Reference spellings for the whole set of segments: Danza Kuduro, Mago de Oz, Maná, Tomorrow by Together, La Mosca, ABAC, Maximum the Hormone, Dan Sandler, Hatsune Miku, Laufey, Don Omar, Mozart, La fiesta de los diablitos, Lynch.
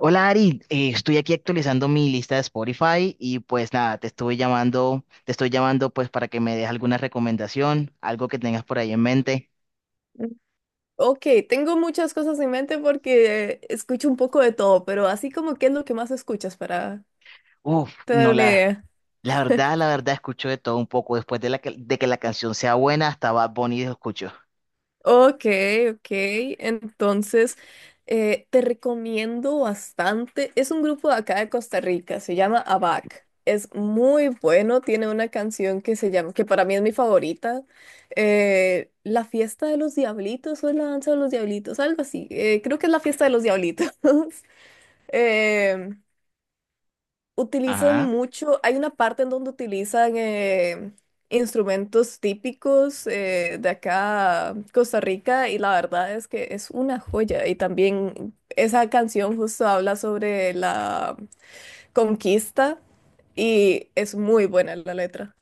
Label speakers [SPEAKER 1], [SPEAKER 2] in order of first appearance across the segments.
[SPEAKER 1] Hola Ari, estoy aquí actualizando mi lista de Spotify y pues nada, te estoy llamando pues para que me des alguna recomendación, algo que tengas por ahí en mente.
[SPEAKER 2] Ok, tengo muchas cosas en mente porque escucho un poco de todo, pero así como qué es lo que más escuchas para
[SPEAKER 1] Uf,
[SPEAKER 2] tener
[SPEAKER 1] no
[SPEAKER 2] una
[SPEAKER 1] la,
[SPEAKER 2] idea.
[SPEAKER 1] la verdad, la verdad escucho de todo un poco después de de que la canción sea buena, hasta Bad Bunny lo escucho.
[SPEAKER 2] Ok, ok, entonces te recomiendo bastante. Es un grupo de acá de Costa Rica, se llama ABAC. Es muy bueno, tiene una canción que se llama, que para mí es mi favorita, La fiesta de los diablitos o es la danza de los diablitos, algo así. Creo que es la fiesta de los diablitos. Em, Utilizan
[SPEAKER 1] Ajá.
[SPEAKER 2] mucho, hay una parte en donde utilizan instrumentos típicos de acá, Costa Rica, y la verdad es que es una joya. Y también esa canción justo habla sobre la conquista y es muy buena la letra.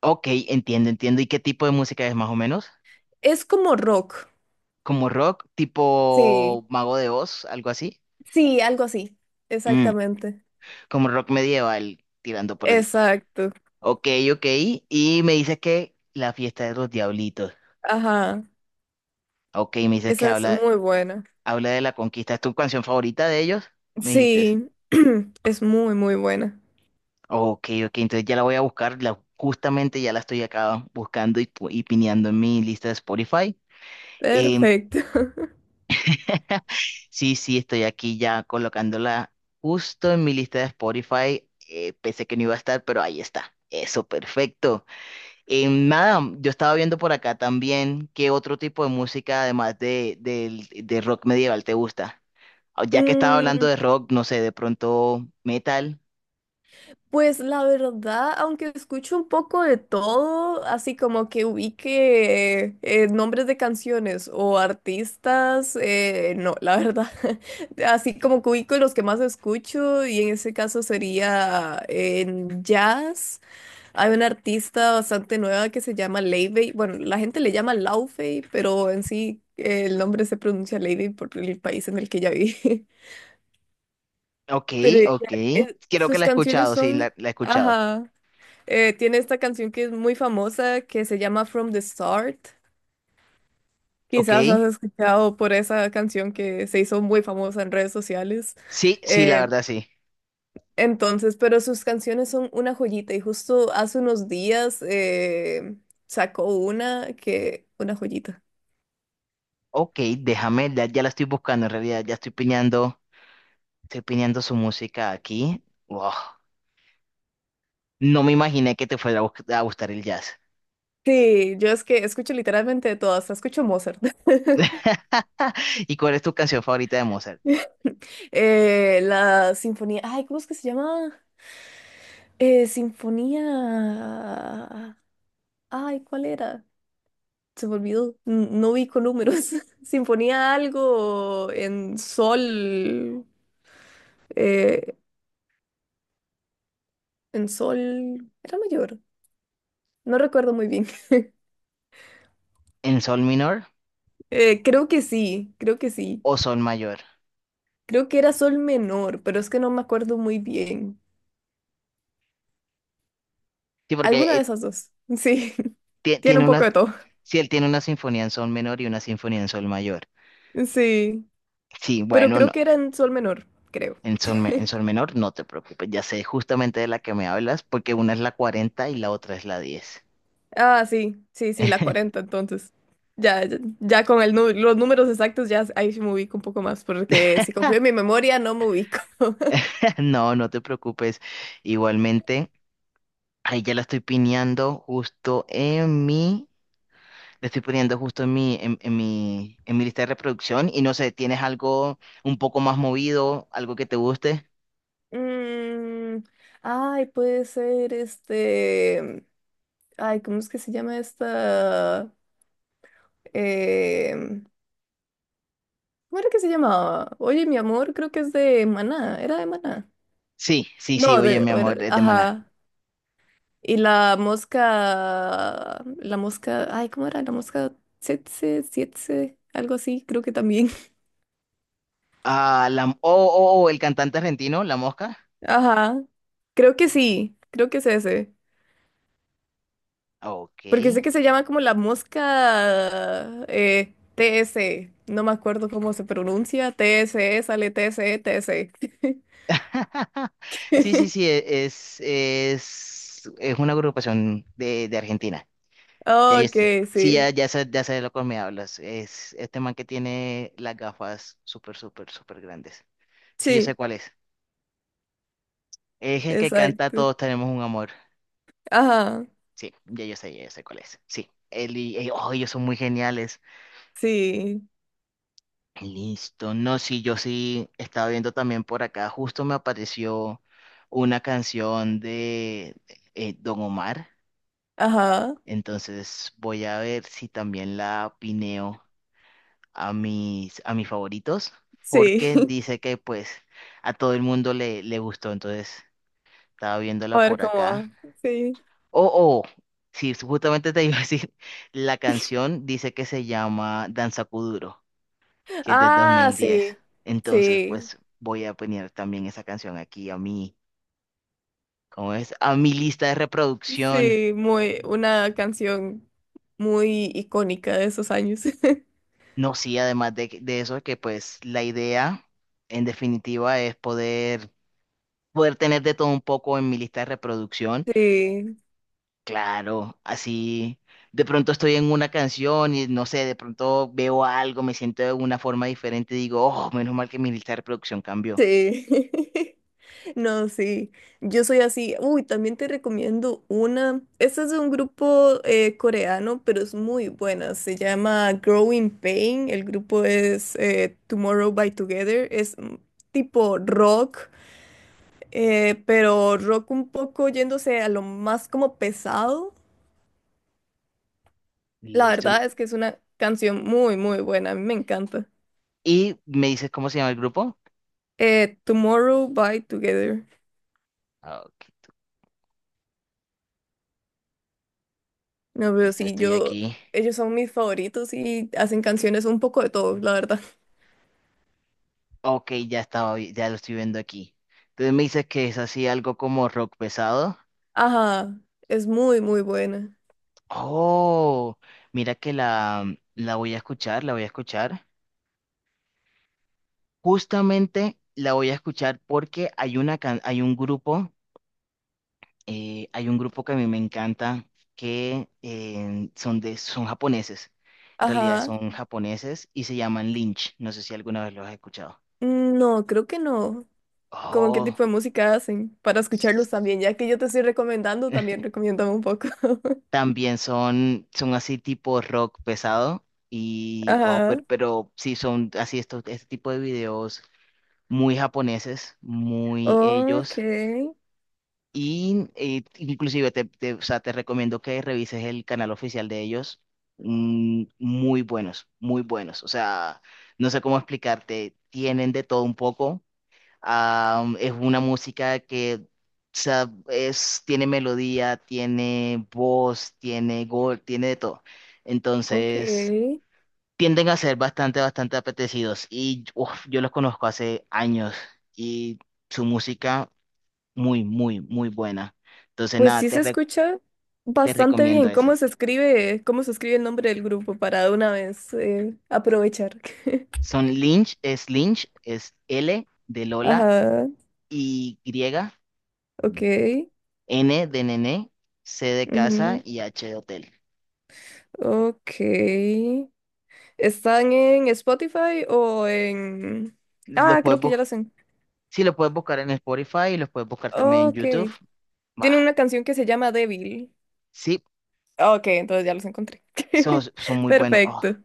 [SPEAKER 1] Ok, entiendo. ¿Y qué tipo de música es más o menos?
[SPEAKER 2] Es como rock,
[SPEAKER 1] ¿Como rock,
[SPEAKER 2] sí,
[SPEAKER 1] tipo Mago de Oz, algo así?
[SPEAKER 2] sí, algo así,
[SPEAKER 1] Mm,
[SPEAKER 2] exactamente.
[SPEAKER 1] como rock medieval, tirando por ahí.
[SPEAKER 2] Exacto,
[SPEAKER 1] Ok, ok. Y me dices que La fiesta de los diablitos.
[SPEAKER 2] ajá,
[SPEAKER 1] Ok, me dices que
[SPEAKER 2] esa es muy buena.
[SPEAKER 1] habla de la conquista. ¿Es tu canción favorita de ellos? Me dijiste.
[SPEAKER 2] Sí, es muy, muy buena.
[SPEAKER 1] Ok, ok. Entonces ya la voy a buscar. Justamente ya la estoy acá buscando y, y pineando en mi lista de Spotify. Em,
[SPEAKER 2] Perfecto.
[SPEAKER 1] sí, sí, estoy aquí ya colocándola justo en mi lista de Spotify. Pensé que no iba a estar, pero ahí está. Eso, perfecto. Nada, yo estaba viendo por acá también qué otro tipo de música, de rock medieval, te gusta. Ah, ya que estaba hablando
[SPEAKER 2] Mm,
[SPEAKER 1] de rock, no sé, de pronto metal.
[SPEAKER 2] pues la verdad, aunque escucho un poco de todo, así como que ubique nombres de canciones o artistas, no, la verdad. Así como que ubico los que más escucho y en ese caso sería en jazz. Hay una artista bastante nueva que se llama Leivey. Bueno, la gente le llama Laufey, pero en sí el nombre se pronuncia Leivey por el país en el que ella vive.
[SPEAKER 1] Ok,
[SPEAKER 2] Pero ella,
[SPEAKER 1] ok. Creo que
[SPEAKER 2] sus
[SPEAKER 1] la he
[SPEAKER 2] canciones
[SPEAKER 1] escuchado, sí,
[SPEAKER 2] son,
[SPEAKER 1] la he escuchado.
[SPEAKER 2] ajá, tiene esta canción que es muy famosa que se llama From the Start.
[SPEAKER 1] Ok.
[SPEAKER 2] Quizás has escuchado por esa canción que se hizo muy famosa en redes sociales.
[SPEAKER 1] Sí, sí, la
[SPEAKER 2] Eh,
[SPEAKER 1] verdad, sí.
[SPEAKER 2] entonces, pero sus canciones son una joyita y justo hace unos días sacó una que, una joyita.
[SPEAKER 1] Ok, déjame, ya la estoy buscando en realidad, ya estoy piñando su música aquí. Wow. No me imaginé que te fuera a a gustar el jazz.
[SPEAKER 2] Sí, yo es que escucho literalmente de todas, hasta escucho Mozart.
[SPEAKER 1] ¿Y cuál es tu canción favorita de Mozart?
[SPEAKER 2] La sinfonía, ay, ¿cómo es que se llama? Sinfonía. Ay, ¿cuál era? Se me olvidó. No vi con números. Sinfonía algo en sol. eh, en sol. Era mayor. No recuerdo muy bien.
[SPEAKER 1] ¿En sol menor?
[SPEAKER 2] Creo que sí, creo que sí.
[SPEAKER 1] O sol mayor.
[SPEAKER 2] Creo que era sol menor, pero es que no me acuerdo muy bien.
[SPEAKER 1] Sí, porque
[SPEAKER 2] Alguna de esas dos. Sí. Tiene
[SPEAKER 1] tiene
[SPEAKER 2] un poco
[SPEAKER 1] una,
[SPEAKER 2] de todo.
[SPEAKER 1] si él tiene una sinfonía en sol menor y una sinfonía en sol mayor.
[SPEAKER 2] Sí.
[SPEAKER 1] Sí,
[SPEAKER 2] Pero
[SPEAKER 1] bueno,
[SPEAKER 2] creo
[SPEAKER 1] no.
[SPEAKER 2] que era en sol menor, creo.
[SPEAKER 1] En sol menor no te preocupes, ya sé justamente de la que me hablas, porque una es la 40 y la otra es la 10.
[SPEAKER 2] Ah, sí, sí, sí, la 40 entonces. Ya, ya, ya con el, los números exactos, ya ahí sí me ubico un poco más, porque si confío en mi memoria, no me ubico.
[SPEAKER 1] No, no te preocupes. Igualmente, ahí ya la estoy pineando justo en mi, le estoy poniendo justo en mi lista de reproducción. Y no sé, ¿tienes algo un poco más movido, algo que te guste?
[SPEAKER 2] Mm, ay, puede ser este. Ay, ¿cómo es que se llama esta? Em, ¿Cómo era que se llamaba? Oye, mi amor, creo que es de Maná. ¿Era de Maná?
[SPEAKER 1] Sí, sí, sí,
[SPEAKER 2] No,
[SPEAKER 1] oye,
[SPEAKER 2] de.
[SPEAKER 1] mi amor, es de Maná.
[SPEAKER 2] Ajá. Y la mosca. La mosca. Ay, ¿cómo era? La mosca. Tsetse, sietse, algo así, creo que también.
[SPEAKER 1] Ah, oh, oh, oh, el cantante argentino, La Mosca.
[SPEAKER 2] Ajá. Creo que sí. Creo que es ese.
[SPEAKER 1] Ok.
[SPEAKER 2] Porque sé que se llama como la mosca TS. No me acuerdo cómo se pronuncia. TSE, sale TSE, TSE.
[SPEAKER 1] Sí, sí, sí, es una agrupación de Argentina. Ya, ya
[SPEAKER 2] Ok,
[SPEAKER 1] sé. Sí, ya,
[SPEAKER 2] sí.
[SPEAKER 1] ya sé de lo que me hablas. Es este man que tiene las gafas súper, súper, súper grandes. Sí, yo sé
[SPEAKER 2] Sí,
[SPEAKER 1] cuál es. Es el que canta
[SPEAKER 2] exacto.
[SPEAKER 1] Todos tenemos un amor.
[SPEAKER 2] Ajá.
[SPEAKER 1] Sí, ya yo sé cuál es. Sí, él y, oh, ellos son muy geniales.
[SPEAKER 2] Sí.
[SPEAKER 1] Listo. No, sí, yo sí estaba viendo también por acá. Justo me apareció una canción de Don Omar.
[SPEAKER 2] Ajá.
[SPEAKER 1] Entonces voy a ver si también la pineo a a mis favoritos.
[SPEAKER 2] Sí.
[SPEAKER 1] Porque dice que pues a todo el mundo le gustó. Entonces estaba
[SPEAKER 2] A
[SPEAKER 1] viéndola
[SPEAKER 2] ver
[SPEAKER 1] por
[SPEAKER 2] cómo
[SPEAKER 1] acá.
[SPEAKER 2] va. Sí.
[SPEAKER 1] Oh, oh. Sí, justamente te iba a decir. La canción dice que se llama Danza Kuduro, que es del dos
[SPEAKER 2] Ah,
[SPEAKER 1] mil diez.
[SPEAKER 2] sí.
[SPEAKER 1] Entonces,
[SPEAKER 2] Sí.
[SPEAKER 1] pues voy a poner también esa canción aquí a ¿cómo es? A mi lista de reproducción.
[SPEAKER 2] Sí. Muy, una canción muy icónica de esos años.
[SPEAKER 1] No, sí, además de eso, que pues la idea, en definitiva, es poder, poder tener de todo un poco en mi lista de reproducción.
[SPEAKER 2] Sí,
[SPEAKER 1] Claro, así. De pronto estoy en una canción y no sé, de pronto veo algo, me siento de una forma diferente y digo, oh, menos mal que mi lista de reproducción cambió.
[SPEAKER 2] sí. No, sí. Yo soy así. Uy, también te recomiendo una. Este es de un grupo coreano, pero es muy buena. Se llama Growing Pain. El grupo es Tomorrow by Together. Es tipo rock, pero rock un poco yéndose a lo más como pesado. La
[SPEAKER 1] Listo.
[SPEAKER 2] verdad es que es una canción muy, muy buena. A mí me encanta.
[SPEAKER 1] ¿Y me dices cómo se llama el grupo?
[SPEAKER 2] Tomorrow by Together.
[SPEAKER 1] Ok.
[SPEAKER 2] No, pero
[SPEAKER 1] Listo,
[SPEAKER 2] sí,
[SPEAKER 1] estoy
[SPEAKER 2] yo,
[SPEAKER 1] aquí.
[SPEAKER 2] ellos son mis favoritos y hacen canciones un poco de todo, la verdad.
[SPEAKER 1] Ok, ya estaba, ya lo estoy viendo aquí. Entonces me dices que es así algo como rock pesado.
[SPEAKER 2] Ajá, es muy, muy buena.
[SPEAKER 1] Oh, mira que la voy a escuchar, la voy a escuchar. Justamente la voy a escuchar porque hay hay un grupo que a mí me encanta que son de, son japoneses. En realidad
[SPEAKER 2] Ajá,
[SPEAKER 1] son japoneses y se llaman Lynch. No sé si alguna vez los has escuchado.
[SPEAKER 2] mm, no, creo que no. ¿Cómo qué
[SPEAKER 1] Oh.
[SPEAKER 2] tipo de música hacen? Para escucharlos también, ya que yo te estoy recomendando, también recomiéndame un poco.
[SPEAKER 1] También son, son así tipo rock pesado y, oh,
[SPEAKER 2] Ajá,
[SPEAKER 1] pero sí son así este tipo de videos muy japoneses, muy
[SPEAKER 2] ok,
[SPEAKER 1] ellos. Y inclusive o sea, te recomiendo que revises el canal oficial de ellos. Mm, muy buenos, muy buenos. O sea, no sé cómo explicarte, tienen de todo un poco. Am, es una música que o sea, es, tiene melodía, tiene voz, tiene gol, tiene de todo. Entonces,
[SPEAKER 2] ok.
[SPEAKER 1] tienden a ser bastante, bastante apetecidos. Y uf, yo los conozco hace años y su música muy, muy, muy buena. Entonces,
[SPEAKER 2] Pues
[SPEAKER 1] nada,
[SPEAKER 2] sí se escucha
[SPEAKER 1] te
[SPEAKER 2] bastante
[SPEAKER 1] recomiendo
[SPEAKER 2] bien.
[SPEAKER 1] esa.
[SPEAKER 2] Cómo se escribe el nombre del grupo para de una vez aprovechar?
[SPEAKER 1] Son Lynch, es L de Lola
[SPEAKER 2] Ajá,
[SPEAKER 1] y griega,
[SPEAKER 2] ok.
[SPEAKER 1] N de nene, C de casa
[SPEAKER 2] Ujú.
[SPEAKER 1] y H de hotel.
[SPEAKER 2] Ok. ¿Están en Spotify o en...?
[SPEAKER 1] Los
[SPEAKER 2] Ah,
[SPEAKER 1] puedes,
[SPEAKER 2] creo que ya las en...
[SPEAKER 1] sí, lo puedes buscar en Spotify y los puedes buscar también en
[SPEAKER 2] Ok.
[SPEAKER 1] YouTube.
[SPEAKER 2] Tiene
[SPEAKER 1] Bah,
[SPEAKER 2] una canción que se llama Débil.
[SPEAKER 1] sí,
[SPEAKER 2] Ok, entonces ya los encontré.
[SPEAKER 1] son, son muy buenos. Oh,
[SPEAKER 2] Perfecto.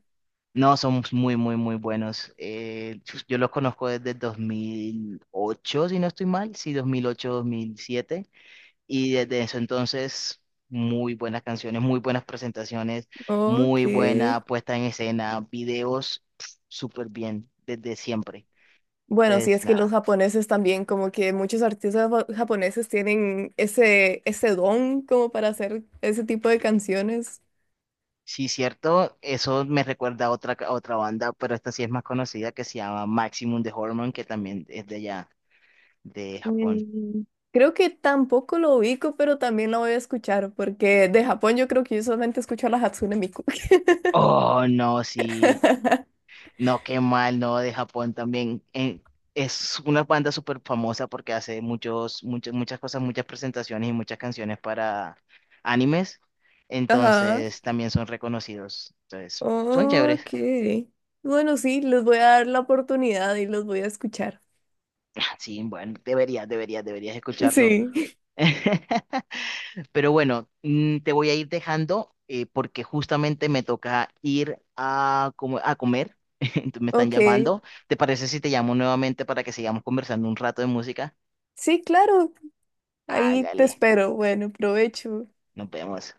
[SPEAKER 1] no, son muy, muy, muy buenos. Yo los conozco desde 2008 si no estoy mal, sí, 2008, 2007. Y desde eso entonces, muy buenas canciones, muy buenas presentaciones,
[SPEAKER 2] Ok.
[SPEAKER 1] muy buena puesta en escena, videos, pf, súper bien, desde siempre.
[SPEAKER 2] Bueno, sí,
[SPEAKER 1] Entonces,
[SPEAKER 2] es que los
[SPEAKER 1] nada.
[SPEAKER 2] japoneses también, como que muchos artistas japoneses tienen ese, ese don como para hacer ese tipo de canciones.
[SPEAKER 1] Sí, cierto, eso me recuerda a a otra banda, pero esta sí es más conocida, que se llama Maximum de Hormone, que también es de allá, de Japón.
[SPEAKER 2] Mm, Creo que tampoco lo ubico, pero también lo voy a escuchar, porque de Japón yo creo que yo solamente escucho a la Hatsune Miku.
[SPEAKER 1] Oh, no, sí, no, qué mal, no, de Japón también. Es una banda súper famosa porque hace muchas, muchas cosas, muchas presentaciones y muchas canciones para animes,
[SPEAKER 2] Ajá.
[SPEAKER 1] entonces también son reconocidos, entonces son chéveres.
[SPEAKER 2] Ok. Bueno, sí, les voy a dar la oportunidad y los voy a escuchar.
[SPEAKER 1] Ah, sí, bueno, deberías, deberías, deberías escucharlo.
[SPEAKER 2] Sí.
[SPEAKER 1] Pero bueno, mm, te voy a ir dejando porque justamente me toca ir a, a comer. Entonces me están
[SPEAKER 2] Ok.
[SPEAKER 1] llamando. ¿Te parece si te llamo nuevamente para que sigamos conversando un rato de música?
[SPEAKER 2] Sí, claro. Ahí te
[SPEAKER 1] Hágale,
[SPEAKER 2] espero. Bueno, provecho.
[SPEAKER 1] nos vemos.